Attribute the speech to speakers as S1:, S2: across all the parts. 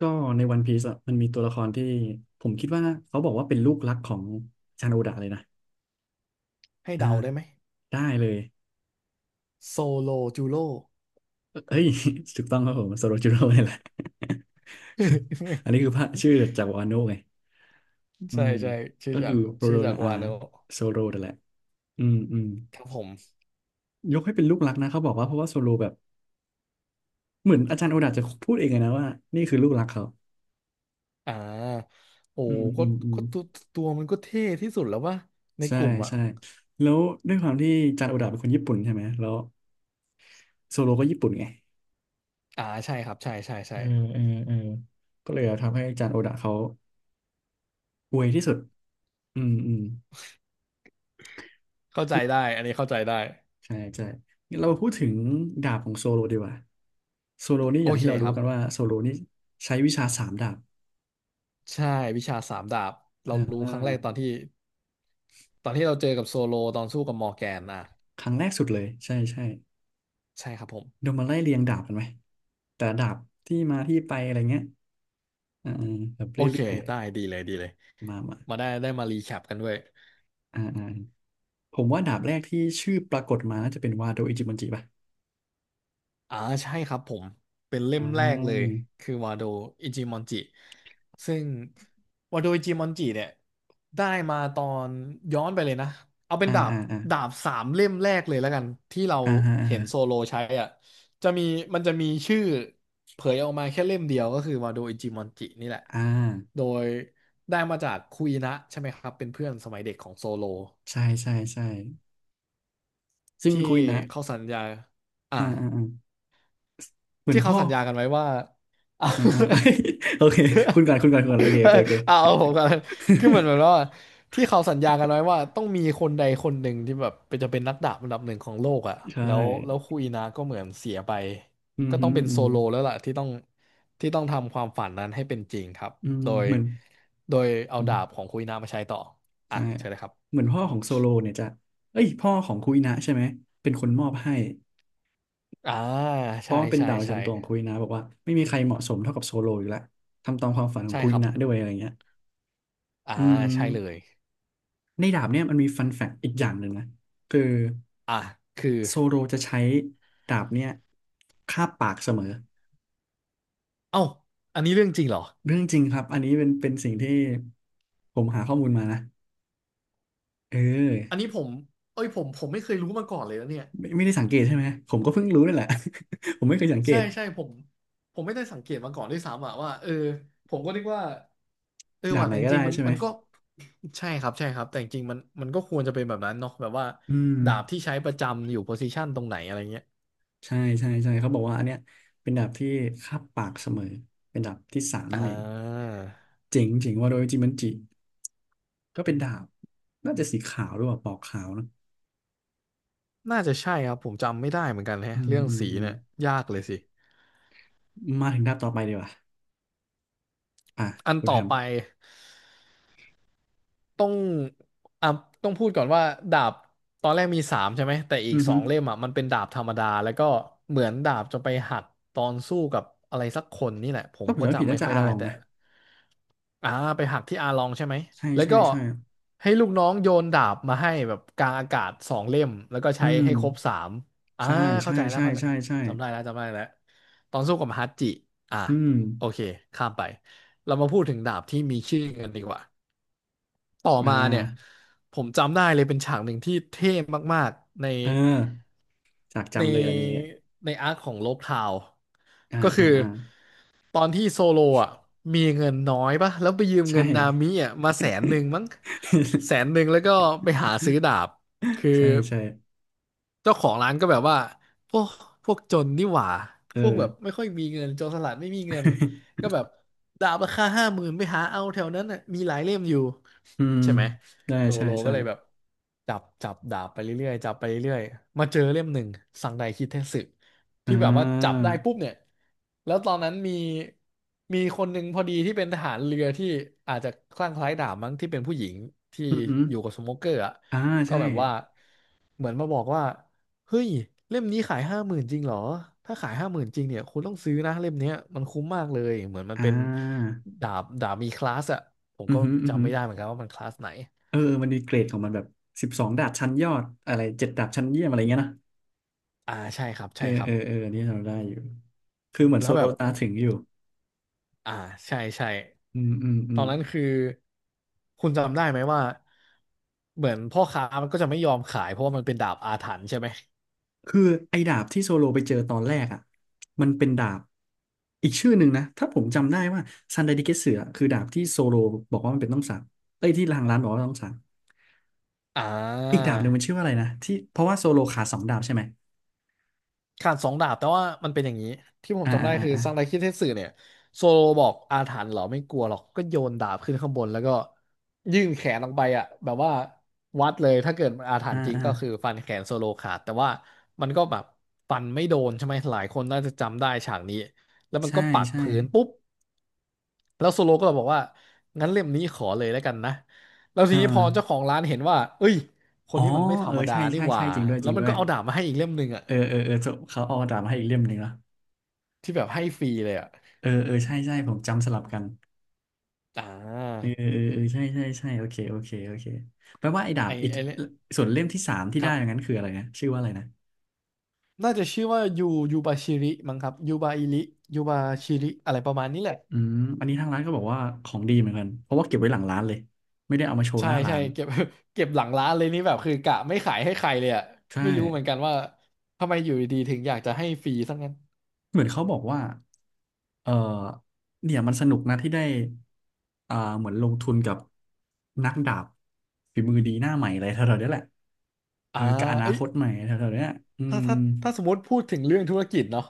S1: ก็ในวันพีซอะมันมีตัวละครที่ผมคิดว่าเขาบอกว่าเป็นลูกรักของชาจารย์โอดะเลยนะ
S2: ให้
S1: อ่า
S2: เดาได้ไหม
S1: ได้เลย
S2: โซโลจูโร่
S1: เอ้ย ถูกต้องครับผมโซโรจิโร่นี่แหละ อันนี้คือพระชื่อจากวาโนะไงอื
S2: ใช่
S1: ม
S2: ใช่ชื่อ
S1: ก็
S2: จา
S1: คื
S2: ก
S1: อโร
S2: ชื่
S1: โร
S2: อจา
S1: นา
S2: ก
S1: อา
S2: วาโนะ
S1: โซโรนั่นแหละอืมอืม
S2: ครับผม
S1: ยกให้เป็นลูกรักนะเขาบอกว่าเพราะว่าโซโลแบบเหมือนอาจารย์โอดาจะพูดเองเลยนะว่านี่คือลูกรักเขา
S2: อ่าโอ้
S1: อืมอื
S2: ก็
S1: มอืม
S2: ก็ตัวมันก็เท่ที่สุดแล้ววะใน
S1: ใช่
S2: กลุ่มอ่ะ
S1: ใช่แล้วด้วยความที่อาจารย์โอดาเป็นคนญี่ปุ่นใช่ไหมแล้วโซโลก็ญี่ปุ่นไง
S2: ใช่ครับใช่ใช่
S1: อื
S2: ใช่
S1: มอืมอืมก็เลยทำให้จานโอดะเขาอวยที่สุดอืมอืม
S2: เข้าใจได้อันนี้เข้าใจได้
S1: ใช่ใช่งั้นเรามาพูดถึงดาบของโซโลดีกว่าโซโลนี่อ
S2: โอ
S1: ย่าง
S2: เค
S1: ที่เรา
S2: ค
S1: รู้
S2: รับ
S1: กันว่าโซโลนี่ใช้วิชาสามดาบ
S2: ใช่วิชาสามดาบ
S1: อ
S2: เรารู้ครั้งแรก
S1: ่า
S2: ตอนที่เราเจอกับโซโลตอนสู้กับมอร์แกนอ่ะ
S1: ครั้งแรกสุดเลยใช่ใช่
S2: ใช่ครับผม
S1: เดี๋ยวมาไล่เรียงดาบกันไหมแต่ละดาบที่มาที่ไปอะไรเงี้ยอ่าอ่าแบบ
S2: โอ
S1: เร
S2: เค
S1: ื่อย
S2: ได้ดีเลย
S1: ๆมามา
S2: มาได้มารีแคปกันด้วย
S1: อ่าอ่าผมว่าดาบแรกที่ชื่อปรากฏมาน่าจะเป็นวาโดอิจิบันจิป่ะ
S2: อ่าใช่ครับผมเป็นเล่
S1: อ่
S2: มแรกเลย
S1: า
S2: คือวาโดอิจิมอนจิซึ่งวาโดอิจิมอนจิเนี่ยได้มาตอนย้อนไปเลยนะเอาเป็น
S1: อ่า
S2: ดาบ
S1: อ่าอ่า
S2: ดาบสามเล่มแรกเลยแล้วกันที่เรา
S1: อ่าอ่า
S2: เห็นโซโลใช้อ่ะจะมีมันจะมีชื่อเผยออกมาแค่เล่มเดียวก็คือวาโดอิจิมอนจินี่แหละ
S1: อ่า
S2: โดยได้มาจากคุยนะใช่ไหมครับเป็นเพื่อนสมัยเด็กของโซโล
S1: ใช่ใช่ใช่ซึ่ง
S2: ที่
S1: คุยนะ
S2: เขาสัญญาอ่า
S1: อ่าอ่าอ่าเหมือ
S2: ที่
S1: น
S2: เขา
S1: พ่อ
S2: สัญญากันไว้ว่า
S1: อ่าอ่า โอเคคุณ ก่อนคุณก่อนคุณก่อนโอเคโอ
S2: เอา
S1: เคโอเค
S2: เอาผมกันคือเหมือนแบบว่า ที่เขาสัญญากันไว้ว่าต้องมีคนใดคนหนึ่งที่แบบเป็นจะเป็นนักดาบอันดับหนึ่งของโลกอ่ะ
S1: ใช่
S2: แล้วคุยนะก็เหมือนเสียไป
S1: อืม
S2: ก็
S1: ฮึ
S2: ต้องเป็น
S1: อื
S2: โซ
S1: ม
S2: โลแล้วล่ะที่ต้องที่ต้องทำความฝันนั้นให้เป็นจริงครับ
S1: อืม
S2: โดย
S1: เหมือน
S2: โดยเอา
S1: อื
S2: ดาบข
S1: ม
S2: องคุยนามาใช้ต่ออ่ะ
S1: ใช่
S2: ใช่เลยครับ
S1: เหมือนพ่อของโซโลเนี่ยจะเอ้ยพ่อของคุยนะใช่ไหมเป็นคนมอบให้
S2: อ่า
S1: เพ
S2: ใช่
S1: ราะมันเป็น
S2: ใช่
S1: ดาวประ
S2: ใช่
S1: จำตัวของคุยนะบอกว่าไม่มีใครเหมาะสมเท่ากับโซโลอยู่แล้วทำตามความฝันของ
S2: ใช่
S1: คุย
S2: ครับ
S1: นะด้วยอะไรเงี้ย
S2: อ่า
S1: อืม
S2: ใช่เลย
S1: ในดาบเนี่ยมันมีฟันแฟกต์อีกอย่างหนึ่งนะคือ
S2: อ่ะคือ
S1: โซโลจะใช้ดาบเนี่ยคาบปากเสมอ
S2: เอ้าอันนี้เรื่องจริงเหรอ
S1: เรื่องจริงครับอันนี้เป็นสิ่งที่ผมหาข้อมูลมานะเออ
S2: อันนี้ผมเอ้ยผมไม่เคยรู้มาก่อนเลยนะเนี่ย
S1: ไม่ไม่ได้สังเกตใช่ไหมผมก็เพิ่งรู้นี่แหละ ผมไม่เคยสังเก
S2: ใช่
S1: ต
S2: ใช่ผมผมไม่ได้สังเกตมาก่อนด้วยซ้ำอะว่าเออผมก็นึกว่าเออ
S1: ดาบ
S2: ว่ะ
S1: ไหน
S2: แต่จ
S1: ก็ได้
S2: ริงๆมัน
S1: ใช่ไหม
S2: มันก็ใช่ครับแต่จริงๆมันก็ควรจะเป็นแบบนั้นเนาะแบบว่า
S1: อืม
S2: ดาบที่ใช้ประจำอยู่โพซิชันตรงไหนอะไรเงี้ย
S1: ใช่ใช่ใช่เขาบอกว่าอันเนี้ยเป็นดาบที่คาบปากเสมอเป็นดาบที่สาม
S2: อ่
S1: นั่นเอง
S2: า
S1: เจ๋งเจ๋งว่าโดยจิมันจิก็เป็นดาบน่าจะสีขาวหรือเปล่าปอกขาวนะ
S2: น่าจะใช่ครับผมจำไม่ได้เหมือนกันแฮะ
S1: อืม
S2: เรื่อง
S1: อืม
S2: สี
S1: อืม
S2: เนี่ยยากเลยสิ
S1: มาถึงดาบต่อไปดีกว่าอ่ะ
S2: อัน
S1: คุณ
S2: ต่อ
S1: แฮม
S2: ไป ต้องอ่ะต้องพูดก่อนว่าดาบตอนแรกมีสามใช่ไหมแต่อีก
S1: อือ
S2: ส
S1: ฮึ
S2: องเล่มอ่ะมันเป็นดาบธรรมดาแล้วก็เหมือนดาบจะไปหักตอนสู้กับอะไรสักคนนี่แหละผม
S1: ถ้าผม
S2: ก็
S1: จำไม่ผิด
S2: จำไม่
S1: น่าจะ
S2: ค่อย
S1: อา
S2: ได้
S1: ลอง
S2: แต่
S1: นะ
S2: อ่าไปหักที่อาลองใช่ไหม
S1: ใช่
S2: แล้ว
S1: ใช่
S2: ก็
S1: ใช่
S2: ให้ลูกน้องโยนดาบมาให้แบบกลางอากาศสองเล่มแล้วก็
S1: อื
S2: ใช้
S1: ม
S2: ให้ครบสามอ่า
S1: ใช่
S2: เข้า
S1: ใช่
S2: ใจแล้ว
S1: ใช่
S2: เข้าใจ
S1: ใช่ใช่
S2: จำได้แล้วตอนสู้กับฮัตจิอ่า
S1: อืม
S2: โอเคข้ามไปเรามาพูดถึงดาบที่มีชื่อกันดีกว่า ต่อ
S1: อ่
S2: มาเนี่ย
S1: า
S2: ผมจำได้เลยเป็นฉากหนึ่งที่เท่มากๆใน
S1: เออจาก
S2: ใน
S1: จำเลยอันนี้
S2: ในอาร์คของโลบทาว
S1: อ่า
S2: ก็คื
S1: อ่า
S2: อ
S1: อ่า
S2: ตอนที่โซโลอ่ะมีเงินน้อยปะแล้วไปยืมเงิ
S1: ใช่
S2: นนามิอ่ะมาแสนหนึ่งมั้งแสนหนึ่ งแล้วก็ไปหาซื้อดาบคือ
S1: ใช่ใช่
S2: เจ้าของร้านก็แบบว่าพวกพวกจนนี่หว่า
S1: เอ
S2: พวก
S1: อ
S2: แบบไม่ค่อยมีเงินโจรสลัดไม่มีเงินก็ แบบดาบราคาห้าหมื่นไปหาเอาแถวนั้นน่ะมีหลายเล่มอยู่
S1: อืม
S2: ใช่ไหม
S1: ได้
S2: โซ
S1: ใช่
S2: โลก็
S1: ใช่
S2: เลยแบบจับดาบไปเรื่อยๆจับไปเรื่อยๆมาเจอเล่มหนึ่งสังไดคิเทสึ
S1: อ่
S2: ที่แบบว่าจับ
S1: า
S2: ได้ปุ๊บเนี่ยแล้วตอนนั้นมีมีคนหนึ่งพอดีที่เป็นทหารเรือที่อาจจะคลั่งไคล้ดาบมั้งที่เป็นผู้หญิงที่
S1: อือหือ
S2: อยู่กับสโมเกอร์อ่ะ
S1: อ่า
S2: ก็
S1: ใช่
S2: แบบว่าเหมือนมาบอกว่าเฮ้ยเล่มนี้ขายห้าหมื่นจริงเหรอถ้าขายห้าหมื่นจริงเนี่ยคุณต้องซื้อนะเล่มเนี้ยมันคุ้มมากเลยเหมือนมัน
S1: อ่
S2: เป็น
S1: า
S2: ดาบมีคลาสอะผม
S1: อือ
S2: ก็
S1: หืออือหื
S2: จำ
S1: อ
S2: ไม่ได้เหมือนกันว่ามันคลาสไหน
S1: เออมันมีเกรดของมันแบบสิบสองดาบชั้นยอดอะไรเจ็ดดาบชั้นเยี่ยมอะไรเงี้ยนะ
S2: ใช่ครับ
S1: เออ
S2: ใช่ครั
S1: เอ
S2: บ
S1: อเอออันนี่เราได้อยู่คือเหมือน
S2: แล้
S1: โซ
S2: ว
S1: โล
S2: แบบ
S1: ตาถึงอยู่
S2: อ่าใช่
S1: อืมอืมอื
S2: ตอ
S1: ม
S2: นนั้นคือคุณจำได้ไหมว่าเหมือนพ่อค้ามันก็จะไม่ยอมขายเพราะว่ามันเป็นดาบอาถรรพ์ใช่ไหม
S1: คือไอ้ดาบที่โซโลไปเจอตอนแรกอ่ะมันเป็นดาบอีกชื่อหนึ่งนะถ้าผมจำได้ว่าซันไดดิเกเสือคือดาบที่โซโลบอกว่ามันเป็นต้องสั่งเอ้ยที่ทางร้านบอกว่าต้องสั่ง
S2: อ่
S1: อีก
S2: า
S1: ดาบหนึ่งมันชื่อว่าอะไรนะที่เพราะว่าโซโลขาดสองดาบใช่ไหม
S2: ขาดสองดาบแต่ว่ามันเป็นอย่างนี้ที่ผม
S1: อ่า
S2: จำได้
S1: อ่า
S2: คือ
S1: อ่า
S2: ซังไดคิดเทสึเนี่ยโซโลบอกอาถรรพ์เหรอไม่กลัวหรอกก็โยนดาบขึ้นข้างบนแล้วก็ยื่นแขนออกไปอ่ะแบบว่าวัดเลยถ้าเกิดมันอาถร
S1: อ่า
S2: รพ์จริง
S1: อ่า
S2: ก็คือ
S1: อ่า
S2: ฟันแขนโซโลขาดแต่ว่ามันก็แบบฟันไม่โดนใช่ไหมหลายคนน่าจะจำได้ฉากนี้แล้วมัน
S1: ใช่
S2: ก็ปัก
S1: ใช่
S2: พื้นปุ๊บแล้วโซโลก็บอกว่างั้นเล่มนี้ขอเลยแล้วกันนะแล้ว
S1: เอ
S2: ทีนี้พอเจ้า
S1: อ
S2: ของร้านเห็นว่าเอ้ยค
S1: อ๋
S2: น
S1: อ
S2: นี้มันไม่ธร
S1: เออ
S2: รมดา
S1: ใช่
S2: นี่
S1: ใช่
S2: ห
S1: ใช่
S2: ว่า
S1: จริงด้วยจ
S2: แล้
S1: ริ
S2: ว
S1: ง
S2: มั
S1: ด้
S2: น
S1: วย
S2: ก็เอาดาบมาให้อีกเล่มหนึ่งอ่ะ
S1: เออเออเออเขาเอาดาบมาให้อีกเล่มหนึ่งเนอะ
S2: ที่แบบให้ฟรีเลยอ่ะ
S1: เออเออใช่ใช่ผมจำสลับกัน
S2: อ่
S1: เออ
S2: า
S1: เออเออเออใช่ใช่ใช่โอเคโอเคโอเคแปลว่าไอ้ดา
S2: ไอ
S1: บอีก
S2: ไอเนี่ย
S1: ส่วนเล่มที่สามที่
S2: ค
S1: ได้
S2: รับ
S1: อย่างนั้นคืออะไรนะชื่อว่าอะไรนะ
S2: น่าจะชื่อว่ายูบาชิริมั้งครับยูบาอิริยูบาชิริอะไรประมาณนี้แหละ
S1: อืมอันนี้ทางร้านก็บอกว่าของดีเหมือนกันเพราะว่าเก็บไว้หลังร้านเลยไม่ได้เอามาโชว์ห
S2: ใช่
S1: น้าร้า
S2: ใช่
S1: น
S2: เก็บ เก็บหลังร้านเลยนี่แบบคือกะไม่ขายให้ใครเลยอ่ะ
S1: ใช่
S2: ไม่รู้เหมือนกันว่าทำไมอยู่ดีๆถึงอยากจะให้ฟรีซะงั้น
S1: เหมือนเขาบอกว่าเออเนี่ยมันสนุกนะที่ได้อ่าเหมือนลงทุนกับนักดาบฝีมือดีหน้าใหม่อะไรแถวๆเนี้ยแหละเอ
S2: อ่า
S1: อกับอนา
S2: เอ้
S1: ค
S2: ย
S1: ตใหม่แถวๆเนี้ยอื
S2: ถ้า
S1: ม
S2: ถ้าถ้าสมมติพูดถึงเรื่องธุรกิจเนาะ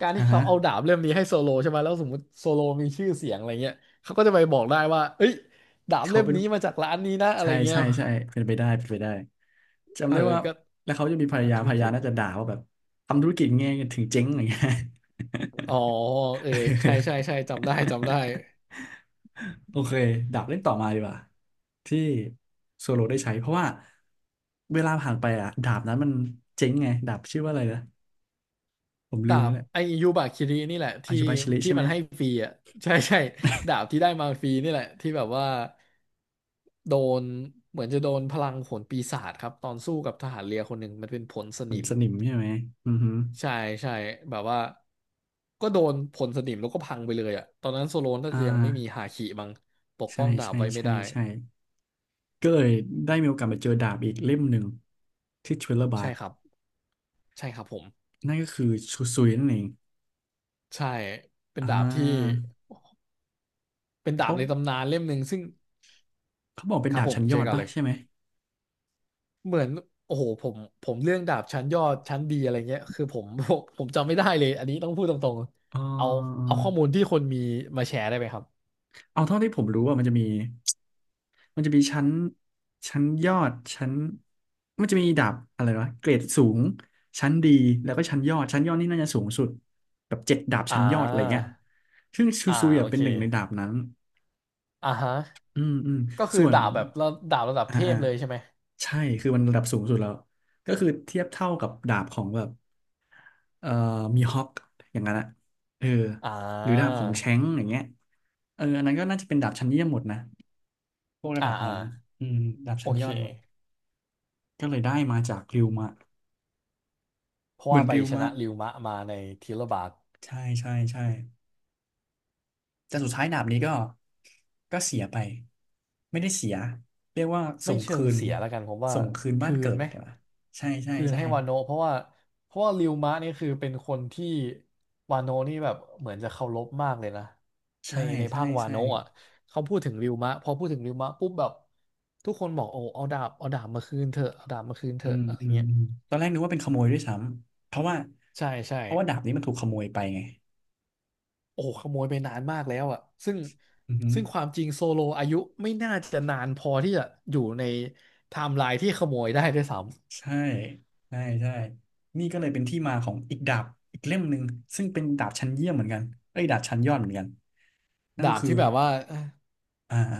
S2: การที่
S1: อ่า
S2: เขา
S1: ฮะ
S2: เอาดาบเล่มนี้ให้โซโลใช่ไหมแล้วสมมติโซโลมีชื่อเสียงอะไรเงี้ยเขาก็จะไปบอกได้ว่าเอ้ยดาบ
S1: เขา
S2: เล่ม
S1: เป็น
S2: นี้มาจากร้านนี้นะอะไร
S1: ใช่
S2: เงี้ย
S1: ใช่ใช่เป็นไปได้เป็นไปได้จำ
S2: เออ
S1: ได้ว่า
S2: ก็
S1: แล้วเขาจะมีภรรยา
S2: ทำธุ
S1: ภ
S2: ร
S1: รร
S2: กิ
S1: ยา
S2: จ
S1: น่าจะด่าว่าแบบทำธุรกิจไงถึงเจ๊งอะไรเงี้ย
S2: อ๋อเออใช่ใช่ ใช่จำได้จำได้
S1: โอเคดับเล่นต่อมาดีกว่าที่โซโลได้ใช้เพราะว่าเวลาผ่านไปอ่ะดาบนั้นมันเจ๊งไงดาบชื่อว่าอะไรนะผมลื
S2: ดา
S1: มแล้
S2: บ
S1: วแหละ
S2: ไอยูบาคิรินี่แหละ
S1: อา
S2: ที่
S1: ยุบายชลิ
S2: ที่
S1: ใช่ไหม
S2: มันให้ฟรีอ่ะใช่ใช่ดาบที่ได้มาฟรีนี่แหละที่แบบว่าโดนเหมือนจะโดนพลังผลปีศาจครับตอนสู้กับทหารเรือคนหนึ่งมันเป็นผลส
S1: เหมือ
S2: นิ
S1: น
S2: ม
S1: สนิมใช่ไหมอือฮึ
S2: ใช่ใช่แบบว่าก็โดนผลสนิมแล้วก็พังไปเลยอ่ะตอนนั้นโซโลนน่า
S1: อ่า
S2: จะยังไม่มีฮาคิมั้งปก
S1: ใช่
S2: ป้องดาบ
S1: ใช่
S2: ไว้ไม่
S1: ใช่
S2: ได้
S1: ใช่ ก็เลยได้มีโอกาสไปเจอดาบอีกเล่มหนึ่งที่ทริลเลอร์บา
S2: ใช่
S1: ร์
S2: ครับใช่ครับผม
S1: นั่นก็คือชูซุยนั่นเอง
S2: ใช่เป็น
S1: อ่
S2: ดาบที่
S1: า
S2: เป็นดา
S1: เขา
S2: บในตำนานเล่มหนึ่งซึ่ง
S1: บอกเป็น
S2: ครับ
S1: ดาบ
S2: ผม
S1: ชั้นย
S2: เจ
S1: อ
S2: อ
S1: ด
S2: กัน
S1: ป่ะ
S2: เลย
S1: ใช่ไหม
S2: เหมือนโอ้โหผมเรื่องดาบชั้นยอดชั้นดีอะไรเงี้ยคือผม ผมจำไม่ได้เลยอันนี้ต้องพูดตรง
S1: เ
S2: ๆเอา
S1: ออ
S2: ข้อมูลที่คนมีมาแชร์ได้ไหมครับ
S1: เอาเท่าที่ผมรู้ว่ามันจะมีชั้นชั้นยอดชั้นมันจะมีดาบอะไรวะเกรดสูงชั้นดีแล้วก็ชั้นยอดชั้นยอดนี่น่าจะสูงสุดแบบ7 ดาบ
S2: อ่
S1: ชั้นยอดอะไรเงี้ย
S2: า
S1: ซึ่งชู
S2: อ่า
S1: ซุย
S2: โอ
S1: อะเป็
S2: เค
S1: นหนึ่งในดาบนั้น
S2: อ่าฮะ
S1: อืมอืม
S2: ก็คือ
S1: ส่วน
S2: ดาบแบบระดาบระดับ
S1: อ่า
S2: เท
S1: อ่า
S2: พเลยใช่ไหม
S1: ใช่คือมันระดับสูงสุดแล้วก็คือเทียบเท่ากับดาบของแบบเอ่อมีฮอกอย่างนั้นอะเออ
S2: อ่
S1: หรือดาบ
S2: า
S1: ของแชงก์อย่างเงี้ยเอออันนั้นก็น่าจะเป็นดาบชั้นเยี่ยมหมดนะพวกระ
S2: อ่า
S1: ดับ
S2: อ่า
S1: นั้น อืมดาบ
S2: โอ
S1: ชั้นย
S2: เค
S1: อดหมดก็เลยได้มาจากริวมะ
S2: เพราะ
S1: เหมือ
S2: ว่า
S1: น
S2: ไป
S1: ริว
S2: ชนะ
S1: มะ
S2: ริวมะมาในทีละบาท
S1: ใช่ใช่ใช่แต่สุดท้ายดาบนี้ก็ ก็เสียไป ไม่ได้เสีย เรียกว่า
S2: ไม่
S1: ส่ง
S2: เชิ
S1: คื
S2: ง
S1: น
S2: เสียแล้วกันผมว่า
S1: ส่งคืนบ้า
S2: คื
S1: นเกิ
S2: น
S1: ด
S2: ไหม
S1: เดี๋ยวนะใช่ ใช่
S2: คืน
S1: ใช่
S2: ให้วาโนะเพราะว่าริวมะนี่คือเป็นคนที่วาโนะนี่แบบเหมือนจะเคารพมากเลยนะใน
S1: ใช่
S2: ในภา
S1: ใช่
S2: ควา
S1: ใช่
S2: โนะอ่ะเขาพูดถึงริวมะพอพูดถึงริวมะปุ๊บแบบทุกคนบอกโอ้เอาดาบเอาดาบมาคืนเถอะเอาดาบมาคืนเถ
S1: อื
S2: อะ
S1: ม
S2: อะไร
S1: อืม
S2: เงี้ย
S1: อืมตอนแรกนึกว่าเป็นขโมยด้วยซ้ำเพราะว่า
S2: ใช่ใช่
S1: เพราะว่าดาบนี้มันถูกขโมยไปไง
S2: โอ้ขโมยไปนานมากแล้วอ่ะซึ่ง
S1: อือฮึ
S2: ซึ่งความจริงโซโลอายุไม่น่าจะนานพอที่จะอยู่ในไทม์ไลน์ที่ขโมยได้ด้วยซ้
S1: ใช่ใช่ใช่นี่ก็เลยเป็นที่มาของอีกดาบอีกเล่มหนึ่งซึ่งเป็นดาบชั้นเยี่ยมเหมือนกันเอ้ยดาบชั้นยอดเหมือนกันนั่
S2: ำ
S1: นก็
S2: ดาบ
S1: คือ
S2: ที่แบบว่า
S1: อ่าอ่า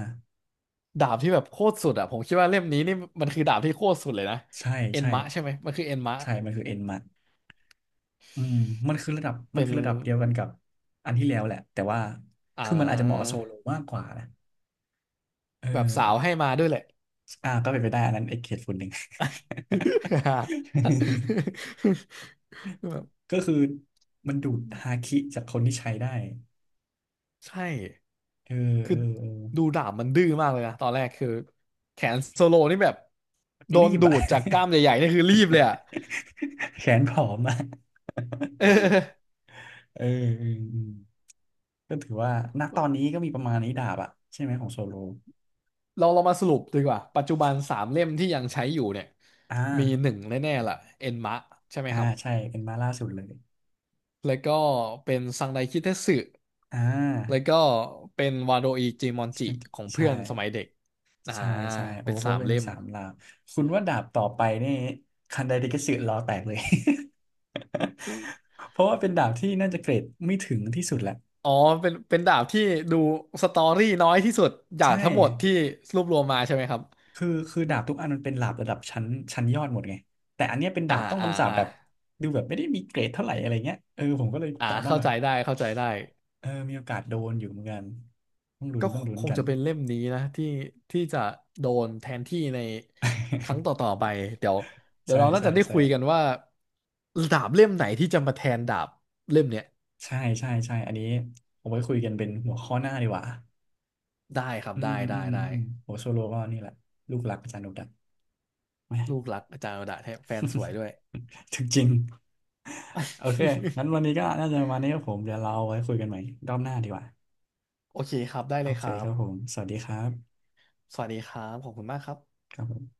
S2: ดาบที่แบบโคตรสุดอ่ะผมคิดว่าเล่มนี้นี่มันคือดาบที่โคตรสุดเลยนะ
S1: ใช่
S2: เอ็น
S1: ใช่
S2: มะใช่ไหมมันคือเอ็นมะ
S1: ใช่มันคือเอ็นมัดอืมมันคือระดับมัน
S2: เป็น
S1: คือระดับเดียวกันกับอันที่แล้วแหละแต่ว่า
S2: อ่
S1: คือมันอาจจะเหมาะกับ
S2: า
S1: โซโลมากกว่านะเอ
S2: แบบสาว
S1: อ
S2: ให้มาด้วยแหละ
S1: อ่าก็เป็นไปได้อันนั้นไอ้เคสฝุ่นหนึ่ง
S2: แบบ
S1: ก็คือมันดูดฮาคิจากคนที่ใช้ได้
S2: ใช่
S1: เออเอ
S2: คือ
S1: อเออ
S2: ดูดาบมันดื้อมากเลยนะตอนแรกคือแขนโซโลนี่แบบโด
S1: รี
S2: น
S1: บ
S2: ดู
S1: อะ
S2: ดจากกล้ามใหญ่ๆนี่คือรีบเลยอ่ะ
S1: แขนผอมอะ
S2: เออ
S1: เออเออเออก็ถือว่าณตอนนี้ก็มีประมาณนี้ดาบอะใช่ไหมของโซโล
S2: เรามาสรุปดีกว่าปัจจุบันสามเล่มที่ยังใช้อยู่เนี่ย
S1: อ่
S2: มีหนึ่
S1: า
S2: งแน่ๆล่ะเอ็นมะใช่ไหม
S1: อ่า
S2: ครับ
S1: ใช่เป็นมาล่าสุดเลย
S2: แล้วก็เป็นซังไดคิเทสึ
S1: อ่
S2: แล้ว
S1: า
S2: ก็เป็นวาโดอิจิมอนจิ
S1: ใช่
S2: ของ
S1: ใช่
S2: เพื่อนสมัยเด็ก อ่า
S1: ใช่โอ้
S2: เป็น
S1: ก็
S2: สาม
S1: เป็น
S2: เล่ม
S1: สามลาวคุณว่าดาบต่อไปนี่คันไดเดกิสึล้อแตกเลย เพราะว่าเป็นดาบที่น่าจะเกรดไม่ถึงที่สุดแหละ
S2: อ๋อเป็นดาบที่ดูสตอรี่น้อยที่สุดจา
S1: ใช่
S2: กทั้งหมดที่รวบรวมมาใช่ไหมครับ
S1: คือดาบทุกอันมันเป็นดาบระดับชั้นชั้นยอดหมดไงแต่อันเนี้ยเป็น
S2: อ่า
S1: ดาบต้อง
S2: อ่า
S1: คำสาป
S2: อ่า
S1: แบบดูแบบไม่ได้มีเกรดเท่าไหร่อะไรเงี้ยเออผมก็เลย
S2: อ่า
S1: ถามว่า
S2: เข้า
S1: แบบ
S2: ใจได้เข้าใจได้
S1: เออมีโอกาสโดนอยู่เหมือนกันต้องลุ้น
S2: ก็
S1: ต้องลุ้
S2: ค
S1: น
S2: ง
S1: กัน
S2: จะเป็นเล่มนี้นะที่ที่จะโดนแทนที่ในครั้งต่อๆไป เดี๋ยว เดี๋ย
S1: ใช่
S2: วเราน่า
S1: ใช่
S2: จะได้
S1: ใช่
S2: คุยกันว่าดาบเล่มไหนที่จะมาแทนดาบเล่มเนี้ย
S1: ใช่ใช่ใช่อันนี้ผมไว้คุยกันเป็นหัวข้อหน้าดีกว่า
S2: ได้ครับ
S1: อืม
S2: ได้
S1: อื
S2: ได้
S1: มอื
S2: ได้
S1: มโหโซโลก็นี่แหละลูกหลักอาจารย์โนดักแหม
S2: ลูกรักอาจารย์อดาแท้แฟนสวยด้วย
S1: ถึงจริงโอเค งั้นวันนี้ก็น่าจะประมาณนี้ครับผมเดี๋ยวเราไว้คุยกันใหม่รอบหน้าดีกว่า
S2: โอเคครับได้
S1: โอ
S2: เลยค
S1: เค
S2: รั
S1: ครับผ
S2: บ
S1: มสวัสดีครับ
S2: สวัสดีครับขอบคุณมากครับ
S1: ครับผม